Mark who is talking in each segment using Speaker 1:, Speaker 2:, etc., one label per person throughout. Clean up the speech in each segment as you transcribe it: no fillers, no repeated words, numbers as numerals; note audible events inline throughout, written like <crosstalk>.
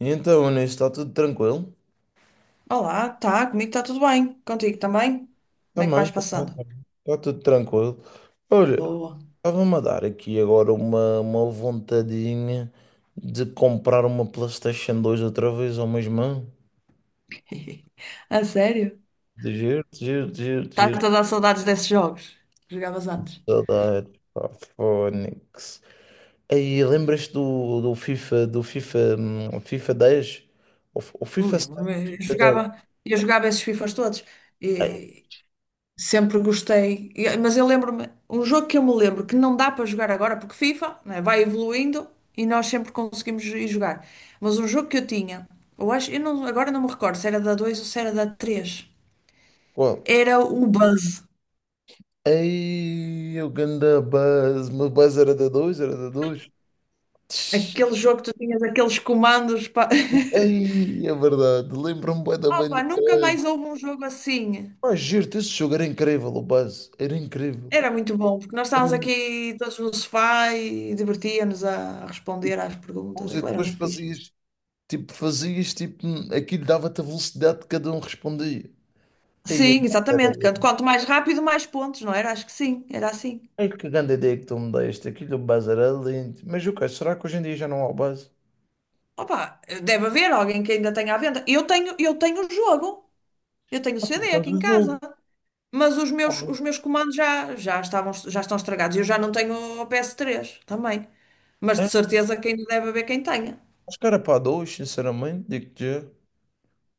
Speaker 1: E então, Anís, está tudo tranquilo?
Speaker 2: Olá, tá, comigo está tudo bem. Contigo também? Como é que
Speaker 1: Também,
Speaker 2: vais
Speaker 1: também,
Speaker 2: passando?
Speaker 1: também. Está tudo tranquilo. Olha,
Speaker 2: Boa.
Speaker 1: estava-me a dar aqui agora uma vontadinha de comprar uma PlayStation 2 outra vez ao meu irmão.
Speaker 2: <laughs> A sério?
Speaker 1: De giro, de giro, de giro, de giro.
Speaker 2: Estás a dar saudades desses jogos que jogavas antes?
Speaker 1: Saudades, pá, Fónix. Aí, lembras-te do FIFA, FIFA 10. O FIFA 7,
Speaker 2: Lembro-me, eu
Speaker 1: FIFA 10.
Speaker 2: jogava, eu jogava esses FIFAs todos
Speaker 1: Ai,
Speaker 2: e sempre gostei. E- Mas eu lembro-me, um jogo que eu me lembro que não dá para jogar agora, porque FIFA, né, vai evoluindo e nós sempre conseguimos ir jogar. Mas um jogo que eu tinha, eu acho, eu não- agora não me recordo se era da 2 ou se era da 3?
Speaker 1: qual?
Speaker 2: Era o Buzz.
Speaker 1: Ei, o ganda buzz. Mas buzz era da dois.
Speaker 2: Aquele jogo que tu tinhas aqueles comandos. Pá. <laughs>
Speaker 1: Ei, é verdade. Lembro-me bué da bem
Speaker 2: Opa,
Speaker 1: do
Speaker 2: nunca
Speaker 1: Buzz.
Speaker 2: mais houve um jogo assim.
Speaker 1: Pá, giro, esse jogo era incrível, o Buzz. Era incrível.
Speaker 2: Era muito bom, porque nós
Speaker 1: Era
Speaker 2: estávamos
Speaker 1: muito
Speaker 2: aqui todos no sofá e divertíamos a responder às
Speaker 1: bom.
Speaker 2: perguntas.
Speaker 1: E
Speaker 2: Aquilo era
Speaker 1: depois
Speaker 2: muito fixe.
Speaker 1: fazias, tipo, aquilo dava-te a velocidade que cada um respondia. Ei, eu,
Speaker 2: Sim, exatamente. Quanto, quanto mais rápido, mais pontos, não era? Acho que sim, era assim.
Speaker 1: ei, que grande ideia que tu me deste. Aquilo do Buzz era lindo. Mas o que será que hoje em dia já não há o Buzz?
Speaker 2: Opa, deve haver alguém que ainda tenha à venda. Eu tenho o jogo. Eu tenho o
Speaker 1: Ah, tu
Speaker 2: CD
Speaker 1: tens
Speaker 2: aqui em
Speaker 1: o
Speaker 2: casa.
Speaker 1: jogo.
Speaker 2: Mas os
Speaker 1: Ah,
Speaker 2: meus comandos já, já estavam, já estão estragados. Eu já não tenho o PS3 também. Mas de
Speaker 1: é?
Speaker 2: certeza que ainda deve haver quem tenha.
Speaker 1: Acho que era para dois, sinceramente, digo-te já.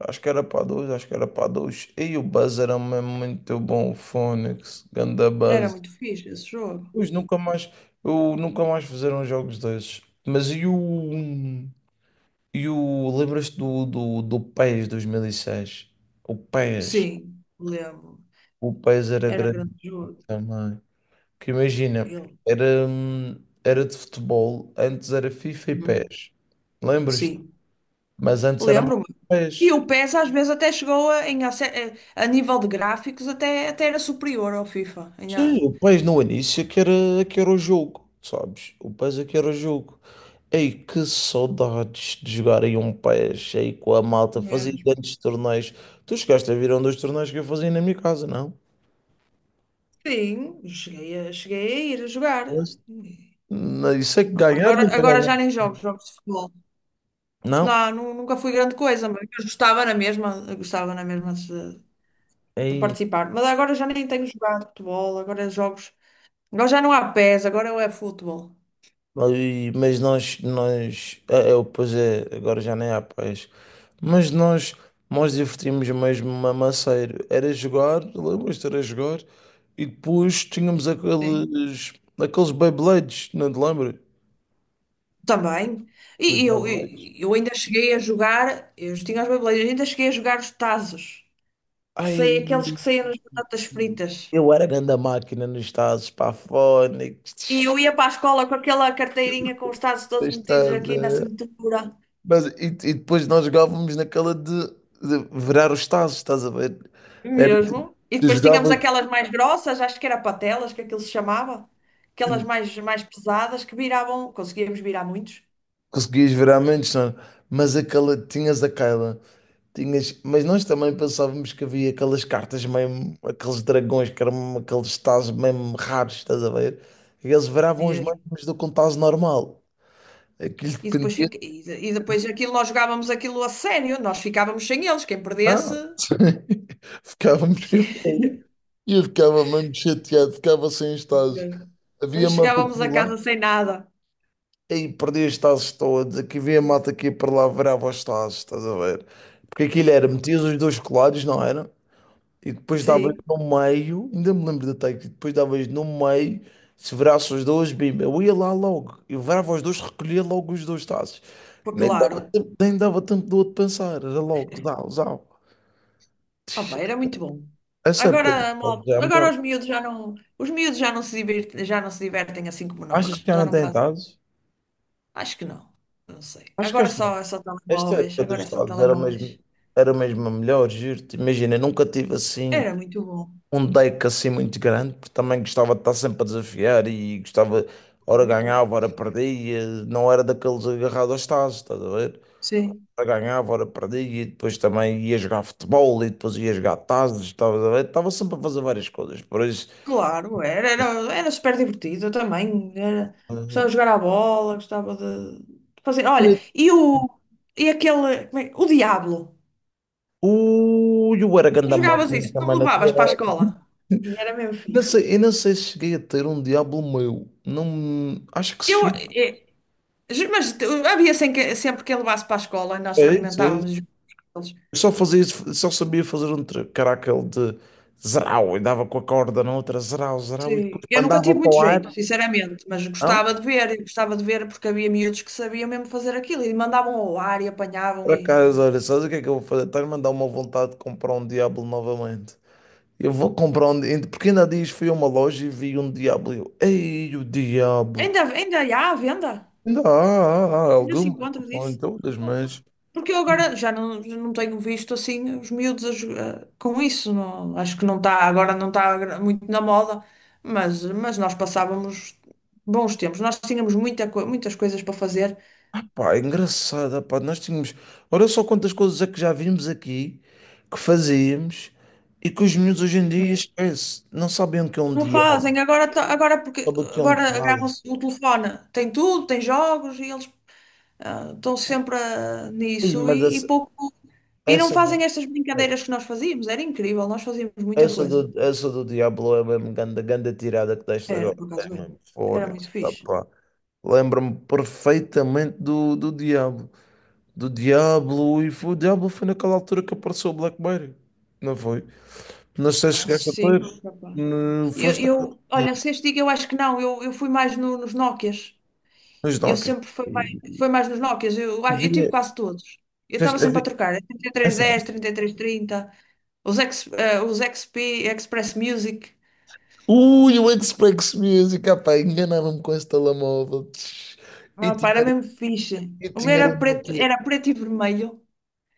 Speaker 1: Acho que era para dois, acho que era para dois. E o Buzz era mesmo muito bom, o Fónix, ganda
Speaker 2: Era
Speaker 1: Buzz.
Speaker 2: muito fixe esse jogo.
Speaker 1: Pois nunca mais, eu nunca mais fizeram jogos desses. Mas e o lembras-te do PES 2006? O PES,
Speaker 2: Sim, lembro.
Speaker 1: o PES era
Speaker 2: Era
Speaker 1: grande
Speaker 2: grande jogo.
Speaker 1: também. Que imagina,
Speaker 2: Ele.
Speaker 1: era hum, era de futebol, antes era FIFA e
Speaker 2: Hum,
Speaker 1: PES. Lembras-te?
Speaker 2: Sim,
Speaker 1: Mas antes era mais
Speaker 2: lembro-me. E
Speaker 1: PES.
Speaker 2: o PES às vezes até chegou a, em ace- a nível de gráficos, até, até era superior ao FIFA. Em a-
Speaker 1: Sim, o PES no início é que era o jogo, sabes? O PES é que era o jogo. Ei, que saudades de jogar em um PES, aí com a malta, fazia
Speaker 2: mesmo.
Speaker 1: grandes torneios. Tu chegaste a vir a um dos torneios que eu fazia na minha casa, não?
Speaker 2: Sim, cheguei a, cheguei a ir a jogar.
Speaker 1: Mas,
Speaker 2: E,
Speaker 1: não, isso é que
Speaker 2: opa,
Speaker 1: ganhar,
Speaker 2: agora,
Speaker 1: nunca
Speaker 2: agora
Speaker 1: ganhar.
Speaker 2: já nem jogo jogos de futebol.
Speaker 1: Não?
Speaker 2: Não, nu- nunca fui grande coisa, mas eu gostava na mesma, eu gostava na mesma de participar. Mas agora já nem tenho jogado futebol, agora é jogos. Agora já não há pés, agora é futebol.
Speaker 1: Mas, mas nós, é, pois é, agora já nem há paz. Mas nós divertimos mesmo mamaceiro. Era jogar, lembras-te, era jogar, e depois tínhamos
Speaker 2: Sim.
Speaker 1: aqueles Beyblades, não te lembras?
Speaker 2: Também.
Speaker 1: Os
Speaker 2: E e eu,
Speaker 1: Beyblades.
Speaker 2: e- eu ainda cheguei a jogar, eu tinha as beibeleiras, ainda cheguei a jogar os tazos, que
Speaker 1: Ai,
Speaker 2: sei, aqueles que saíam nas batatas fritas.
Speaker 1: eu era grande máquina nos Estados
Speaker 2: E eu
Speaker 1: Pafónicos.
Speaker 2: ia para a escola com aquela carteirinha com os tazos todos metidos
Speaker 1: Estás a
Speaker 2: aqui na
Speaker 1: ver?
Speaker 2: cintura.
Speaker 1: Mas, e depois nós jogávamos naquela de virar os tazos, estás a ver? Era,
Speaker 2: Mesmo. E
Speaker 1: tu
Speaker 2: depois tínhamos
Speaker 1: jogavas.
Speaker 2: aquelas mais grossas, acho que era patelas, que aquilo se chamava. Aquelas mais, mais pesadas que viravam, conseguíamos virar muitos.
Speaker 1: Conseguias ver à menos, não é? Mas aquela, tinhas a Kyla, mas nós também pensávamos que havia aquelas cartas mesmo, aqueles dragões que eram aqueles tazos mesmo raros, estás a ver? E eles viravam os
Speaker 2: Mesmo.
Speaker 1: mesmos do que um tazo normal. Aquilo
Speaker 2: E depois,
Speaker 1: dependia.
Speaker 2: fica, e, de- e depois aquilo, nós jogávamos aquilo a sério, nós ficávamos sem eles, quem perdesse.
Speaker 1: Ah, <laughs> ficávamos.
Speaker 2: <laughs>
Speaker 1: E eu ficava mesmo chateado, ficava sem os tazos.
Speaker 2: Mesmo.
Speaker 1: Havia
Speaker 2: Nós
Speaker 1: malta
Speaker 2: chegávamos
Speaker 1: aqui
Speaker 2: a
Speaker 1: lá,
Speaker 2: casa sem nada.
Speaker 1: aí perdi os tazos todos. Aqui havia malta aqui para lá, virava os tazos, estás a ver? Porque aquilo era,
Speaker 2: Ok.
Speaker 1: metias os dois colados, não era? E depois davas
Speaker 2: Sim,
Speaker 1: no meio, ainda me lembro da take, depois davas no meio, se virasse os dois, bimba, eu ia lá logo, eu virava os dois, recolhia logo os dois taços.
Speaker 2: pô,
Speaker 1: Nem dava
Speaker 2: claro.
Speaker 1: tempo, nem dava tempo do outro pensar, era logo, dá, usava.
Speaker 2: Opa, era muito bom.
Speaker 1: Essa época dos
Speaker 2: Agora,
Speaker 1: tazos
Speaker 2: malta,
Speaker 1: é a melhor.
Speaker 2: agora os miúdos já não, os miúdos já não se divertem, já não se divertem assim como
Speaker 1: Achas que
Speaker 2: nós.
Speaker 1: já
Speaker 2: Já
Speaker 1: não
Speaker 2: não
Speaker 1: tem
Speaker 2: fazem.
Speaker 1: tazos?
Speaker 2: Acho que não. Não sei.
Speaker 1: Acho que
Speaker 2: Agora
Speaker 1: esta,
Speaker 2: só, é só
Speaker 1: esta
Speaker 2: telemóveis.
Speaker 1: época
Speaker 2: Agora
Speaker 1: dos
Speaker 2: é só
Speaker 1: tazos era mesmo,
Speaker 2: telemóveis.
Speaker 1: era mesmo a melhor, juro-te. Imagina, eu nunca tive assim,
Speaker 2: Era muito bom.
Speaker 1: um deck assim muito grande, porque também gostava de estar sempre a desafiar e gostava, ora ganhava, ora perdia, não era daqueles agarrados aos tazos, estás a ver?
Speaker 2: Sim.
Speaker 1: Ora ganhava, ora perdia, e depois também ia jogar futebol e depois ia jogar tazos, estavas a ver? Estava sempre a fazer várias coisas, por isso.
Speaker 2: Claro, era, era, era super divertido eu também. Era, gostava
Speaker 1: eh,
Speaker 2: de jogar à bola, gostava de fazer. Olha, e o e aquele. Como é- o Diablo.
Speaker 1: Ui, eu era grande
Speaker 2: Jogavas
Speaker 1: máquina
Speaker 2: isso, não
Speaker 1: também,
Speaker 2: levavas para a escola. E era mesmo
Speaker 1: Não
Speaker 2: fixe.
Speaker 1: sei, eu não sei se cheguei a ter um Diablo meu. Não, acho que
Speaker 2: Eu,
Speaker 1: cheguei.
Speaker 2: mas tu- havia sem que- sempre quem levasse para a escola e nós
Speaker 1: É isso,
Speaker 2: experimentávamos os jogos.
Speaker 1: Eu só fazia, só sabia fazer um caracal de zerau e dava com a corda na outra zerau, zerau e depois
Speaker 2: Sim, eu nunca
Speaker 1: mandava
Speaker 2: tive
Speaker 1: para
Speaker 2: muito
Speaker 1: o
Speaker 2: jeito,
Speaker 1: ar.
Speaker 2: sinceramente, mas gostava
Speaker 1: Não?
Speaker 2: de ver, e gostava de ver porque havia miúdos que sabiam mesmo fazer aquilo e mandavam ao ar e apanhavam
Speaker 1: Para
Speaker 2: e
Speaker 1: casa, olha, sabes o que é que eu vou fazer? Estás-me a dar uma vontade de comprar um Diablo novamente. Eu vou comprar um. Porque ainda há dias fui a uma loja e vi um Diablo. E eu, ei, o Diablo!
Speaker 2: ainda, ainda há à venda,
Speaker 1: Ainda há
Speaker 2: ainda se
Speaker 1: algumas, não
Speaker 2: encontra
Speaker 1: são em
Speaker 2: disso.
Speaker 1: todas,
Speaker 2: Opa.
Speaker 1: mas...
Speaker 2: Porque eu agora já não tenho visto assim os miúdos a jo- a- com isso, não, acho que não está, agora não está muito na moda, mas nós passávamos bons tempos, nós tínhamos muita, co- muitas coisas para fazer.
Speaker 1: Pá, é engraçada, pá, nós tínhamos. Olha só quantas coisas é que já vimos aqui, que fazíamos e que os miúdos hoje em dia esquece. Não sabem o que é um
Speaker 2: Não
Speaker 1: diabo,
Speaker 2: fazem, agora, to- agora, porque,
Speaker 1: sabem o que é um
Speaker 2: agora
Speaker 1: tarde.
Speaker 2: agarram-se no telefone. Tem tudo, tem jogos e eles estão sempre
Speaker 1: Ei,
Speaker 2: nisso
Speaker 1: mas
Speaker 2: e pouco. E não
Speaker 1: essa,
Speaker 2: fazem estas brincadeiras que nós fazíamos, era incrível, nós fazíamos muita
Speaker 1: essa,
Speaker 2: coisa.
Speaker 1: do, essa do Diablo é mesmo ganda, ganda tirada que deste
Speaker 2: Era,
Speaker 1: agora.
Speaker 2: por
Speaker 1: É
Speaker 2: acaso era.
Speaker 1: mesmo
Speaker 2: Era muito
Speaker 1: fónix, tá,
Speaker 2: fixe.
Speaker 1: pá. Lembro-me perfeitamente do Diablo. Do Diablo, o Diablo foi naquela altura que apareceu o Blackberry, não foi? Não sei se
Speaker 2: Ah,
Speaker 1: chegaste a
Speaker 2: sim,
Speaker 1: ter,
Speaker 2: rapaz.
Speaker 1: no- foste a-
Speaker 2: Eu, olha, se este digo, eu acho que não, eu fui mais no- nos Nokias.
Speaker 1: nos
Speaker 2: Eu
Speaker 1: Dockers.
Speaker 2: sempre fui mais nos Nokias, eu tive
Speaker 1: Havia,
Speaker 2: quase todos. Eu estava sempre a
Speaker 1: havia,
Speaker 2: trocar,
Speaker 1: é só-
Speaker 2: 3310, 3330. Os, ex, os XP, Express Music.
Speaker 1: Ui, o Xbox Music, ah pá, enganaram-me com esse telemóvel. Tch. E
Speaker 2: Ah, pá, era
Speaker 1: tinha,
Speaker 2: mesmo fixe.
Speaker 1: e
Speaker 2: O meu
Speaker 1: tinha um Nokia,
Speaker 2: era preto e vermelho.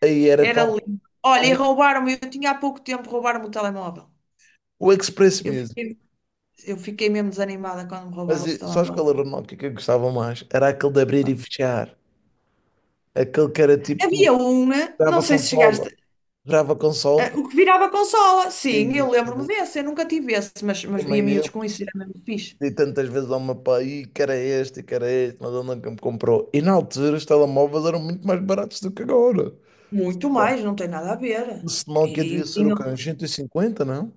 Speaker 1: aí era
Speaker 2: Era
Speaker 1: tão.
Speaker 2: lindo. Olha, e
Speaker 1: O,
Speaker 2: roubaram-me, eu tinha há pouco tempo, roubaram-me o telemóvel.
Speaker 1: o Express
Speaker 2: Eu
Speaker 1: Music.
Speaker 2: fiquei, eu fiquei mesmo desanimada quando me roubaram esse
Speaker 1: Sabes qual
Speaker 2: telemóvel.
Speaker 1: era o Nokia que eu gostava mais? Era aquele de abrir e fechar. Aquele que era tipo,
Speaker 2: Havia uma, não
Speaker 1: grava
Speaker 2: sei se
Speaker 1: consola.
Speaker 2: chegaste,
Speaker 1: Grava consola.
Speaker 2: o que virava consola.
Speaker 1: E,
Speaker 2: Sim, eu
Speaker 1: esse,
Speaker 2: lembro-me desse, eu nunca tive esse, mas via
Speaker 1: também eu,
Speaker 2: miúdos com isso, era mesmo fixe.
Speaker 1: dei tantas vezes ao meu pai, "Ih, que era este, que era este", mas ele nunca me comprou. E na altura os telemóveis eram muito mais baratos do que agora.
Speaker 2: Muito mais, não tem nada a
Speaker 1: O
Speaker 2: ver.
Speaker 1: sinal que
Speaker 2: E
Speaker 1: devia ser o quê?
Speaker 2: tinham.
Speaker 1: Uns 150, não?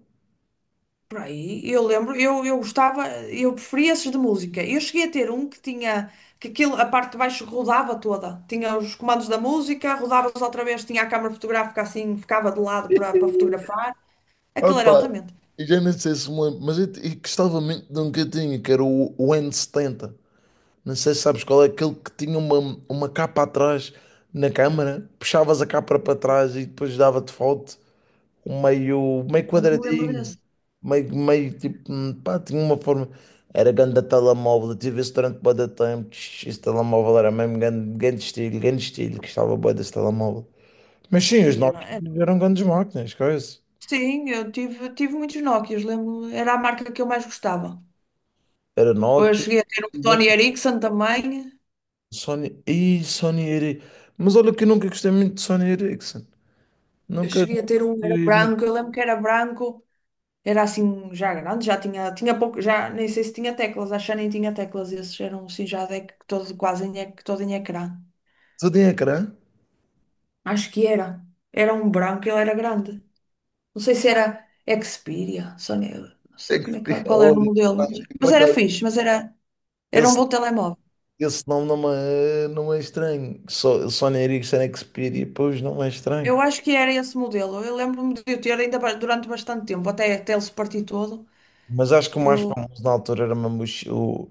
Speaker 2: Por aí, eu lembro, eu gostava, eu preferia esses de música. Eu cheguei a ter um que tinha, que aquilo, a parte de baixo rodava toda. Tinha os comandos da música, rodava-os outra vez, tinha a câmara fotográfica assim, ficava de lado para para
Speaker 1: <laughs>
Speaker 2: fotografar. Aquilo era
Speaker 1: Opa,
Speaker 2: altamente.
Speaker 1: eu já nem sei se me lembro, mas eu gostava muito de um que eu tinha, que era o N70. Não sei se sabes qual é, aquele que tinha uma capa atrás na câmara, puxavas a capa para trás e depois dava-te foto. Meio
Speaker 2: Eu não me lembro
Speaker 1: quadradinho,
Speaker 2: desse.
Speaker 1: meio tipo, pá, tinha uma forma. Era grande telemóvel, eu tive esse durante bué de tempo. Tch, esse telemóvel era mesmo grande, grande estilo, gostava bué desse telemóvel. Mas sim,
Speaker 2: E
Speaker 1: os
Speaker 2: era-
Speaker 1: Nokia
Speaker 2: era-
Speaker 1: eram grandes máquinas, coisa.
Speaker 2: Sim, eu tive, tive muitos Nokias, lembro, era a marca que eu mais gostava.
Speaker 1: Era
Speaker 2: Depois
Speaker 1: Nokia,
Speaker 2: cheguei a ter um Sony Ericsson também.
Speaker 1: Sony, e Sony Ericsson. Mas olha que eu nunca gostei muito de Sony Ericsson.
Speaker 2: Eu
Speaker 1: Nunca
Speaker 2: cheguei a ter
Speaker 1: nunca
Speaker 2: um, era
Speaker 1: fui muito.
Speaker 2: branco, eu lembro que era branco. Era assim já grande, já tinha, tinha pouco, já nem sei se tinha teclas, acho que já nem tinha teclas, esses eram assim já de, todo, quase em, ec- todo em ecrã.
Speaker 1: Só tinha ecrã.
Speaker 2: Acho que era. Era um branco, ele era grande. Não sei se era Xperia, Sony, não
Speaker 1: É
Speaker 2: sei
Speaker 1: que-
Speaker 2: como é que,
Speaker 1: <laughs>
Speaker 2: qual era o
Speaker 1: Olha,
Speaker 2: modelo, mas
Speaker 1: para cá,
Speaker 2: era fixe, mas era, era um
Speaker 1: esse
Speaker 2: bom telemóvel.
Speaker 1: Esse nome não é estranho. Só, Sony Ericsson Xperia, pois não é estranho.
Speaker 2: Eu acho que era esse modelo. Eu lembro-me de eu ter ainda ba- durante bastante tempo, até, até ele se partir todo.
Speaker 1: Mas acho que o mais
Speaker 2: Eu,
Speaker 1: famoso na altura era mesmo o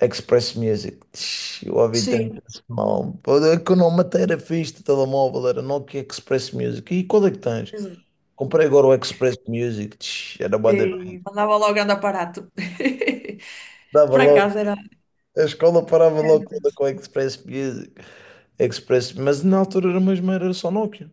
Speaker 1: Express Music. Tch, eu ouvi tanto
Speaker 2: sim,
Speaker 1: esse nome. Pô, é que o nome até era fixe de telemóvel, era Nokia Express Music. E qual é que tens?
Speaker 2: exato.
Speaker 1: Comprei agora o Express Music. Tch, era bué da... fixe.
Speaker 2: E mandava logo andar aparato. <laughs>
Speaker 1: Dava
Speaker 2: Por acaso
Speaker 1: logo. A escola parava logo
Speaker 2: era.
Speaker 1: toda com o Express Music. Express... Mas na altura era mesmo, era só Nokia.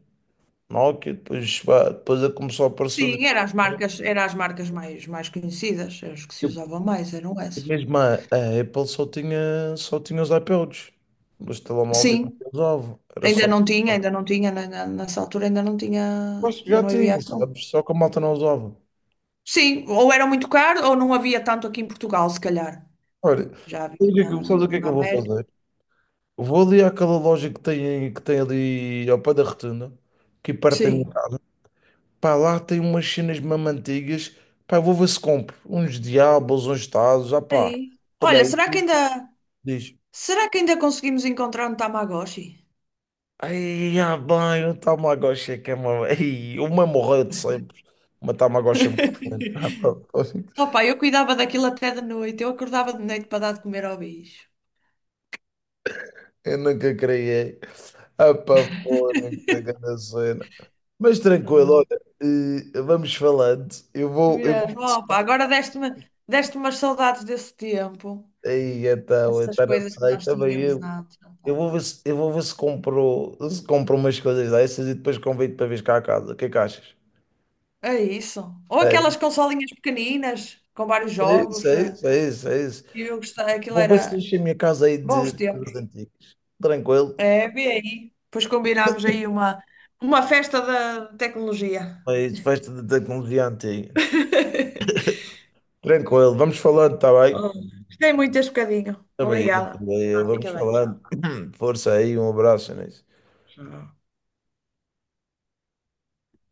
Speaker 1: Nokia, depois, pá, depois começou a aparecer os.
Speaker 2: Sim, eram as marcas mais, mais conhecidas, as que se usavam mais, eram
Speaker 1: E
Speaker 2: essas.
Speaker 1: mesmo a Apple só tinha os iPods. Os telemóveis não
Speaker 2: Sim,
Speaker 1: usavam. Era só.
Speaker 2: ainda não tinha, na- na- nessa altura ainda não tinha,
Speaker 1: Acho que
Speaker 2: ainda
Speaker 1: já
Speaker 2: não havia
Speaker 1: tinha,
Speaker 2: iPhone.
Speaker 1: sabes? Só que a malta não usava.
Speaker 2: Sim, ou era muito caro ou não havia tanto aqui em Portugal, se calhar.
Speaker 1: Olha,
Speaker 2: Já havia na,
Speaker 1: sabes o que é que
Speaker 2: na
Speaker 1: eu vou
Speaker 2: América.
Speaker 1: fazer? Vou ali àquela loja que tem ali ao pé da Rotunda, que perto da minha
Speaker 2: Sim.
Speaker 1: casa. Pá, lá tem umas cenas mesmo antigas. Pá, eu vou ver se compro. Uns diabos, uns tazos. Ah, pá,
Speaker 2: Aí.
Speaker 1: olha
Speaker 2: Olha,
Speaker 1: aí, tu diz.
Speaker 2: será que ainda conseguimos encontrar um Tamagotchi?
Speaker 1: Ai, ah, bem, o Tamagotchi é que é uma... Ai, uma morreu de sempre. Uma Tamagotchi morreu. Ah, pá,
Speaker 2: <laughs>
Speaker 1: fónix.
Speaker 2: Opa, eu cuidava daquilo até de noite, eu acordava de noite para dar de comer ao bicho.
Speaker 1: Eu nunca criei. Ah, pá, fónix,
Speaker 2: <laughs>
Speaker 1: a grande cena. Mas tranquilo,
Speaker 2: Ah,
Speaker 1: olha, vamos falando. Eu vou...
Speaker 2: mesmo.
Speaker 1: ver se-
Speaker 2: Opa, agora deste-me deste umas saudades desse tempo.
Speaker 1: Ai, então,
Speaker 2: Essas
Speaker 1: então não
Speaker 2: coisas que
Speaker 1: sei,
Speaker 2: nós
Speaker 1: também
Speaker 2: tínhamos
Speaker 1: eu.
Speaker 2: antes.
Speaker 1: Eu
Speaker 2: Opa.
Speaker 1: vou ver se, eu vou ver se compro, se compro umas coisas dessas e depois convido para vir cá a casa. O que é que achas?
Speaker 2: É isso. Ou
Speaker 1: É
Speaker 2: aquelas consolinhas pequeninas com vários
Speaker 1: isso,
Speaker 2: jogos.
Speaker 1: é isso, é isso, é isso.
Speaker 2: E eu gostei, aquilo
Speaker 1: Vou ver se
Speaker 2: era
Speaker 1: deixei a minha casa aí
Speaker 2: bons
Speaker 1: de
Speaker 2: tempos.
Speaker 1: coisas antigas. Tranquilo.
Speaker 2: É, vê aí. Depois combinámos aí uma festa da tecnologia.
Speaker 1: Mas festa de tecnologia antiga.
Speaker 2: <laughs>
Speaker 1: Tranquilo. Vamos falando, está bem?
Speaker 2: Oh, Gostei muito deste bocadinho.
Speaker 1: Também eu,
Speaker 2: Obrigada.
Speaker 1: também eu.
Speaker 2: Ah,
Speaker 1: Vamos
Speaker 2: fica bem.
Speaker 1: falando. <clears throat> Força aí, um abraço, né?
Speaker 2: Tchau.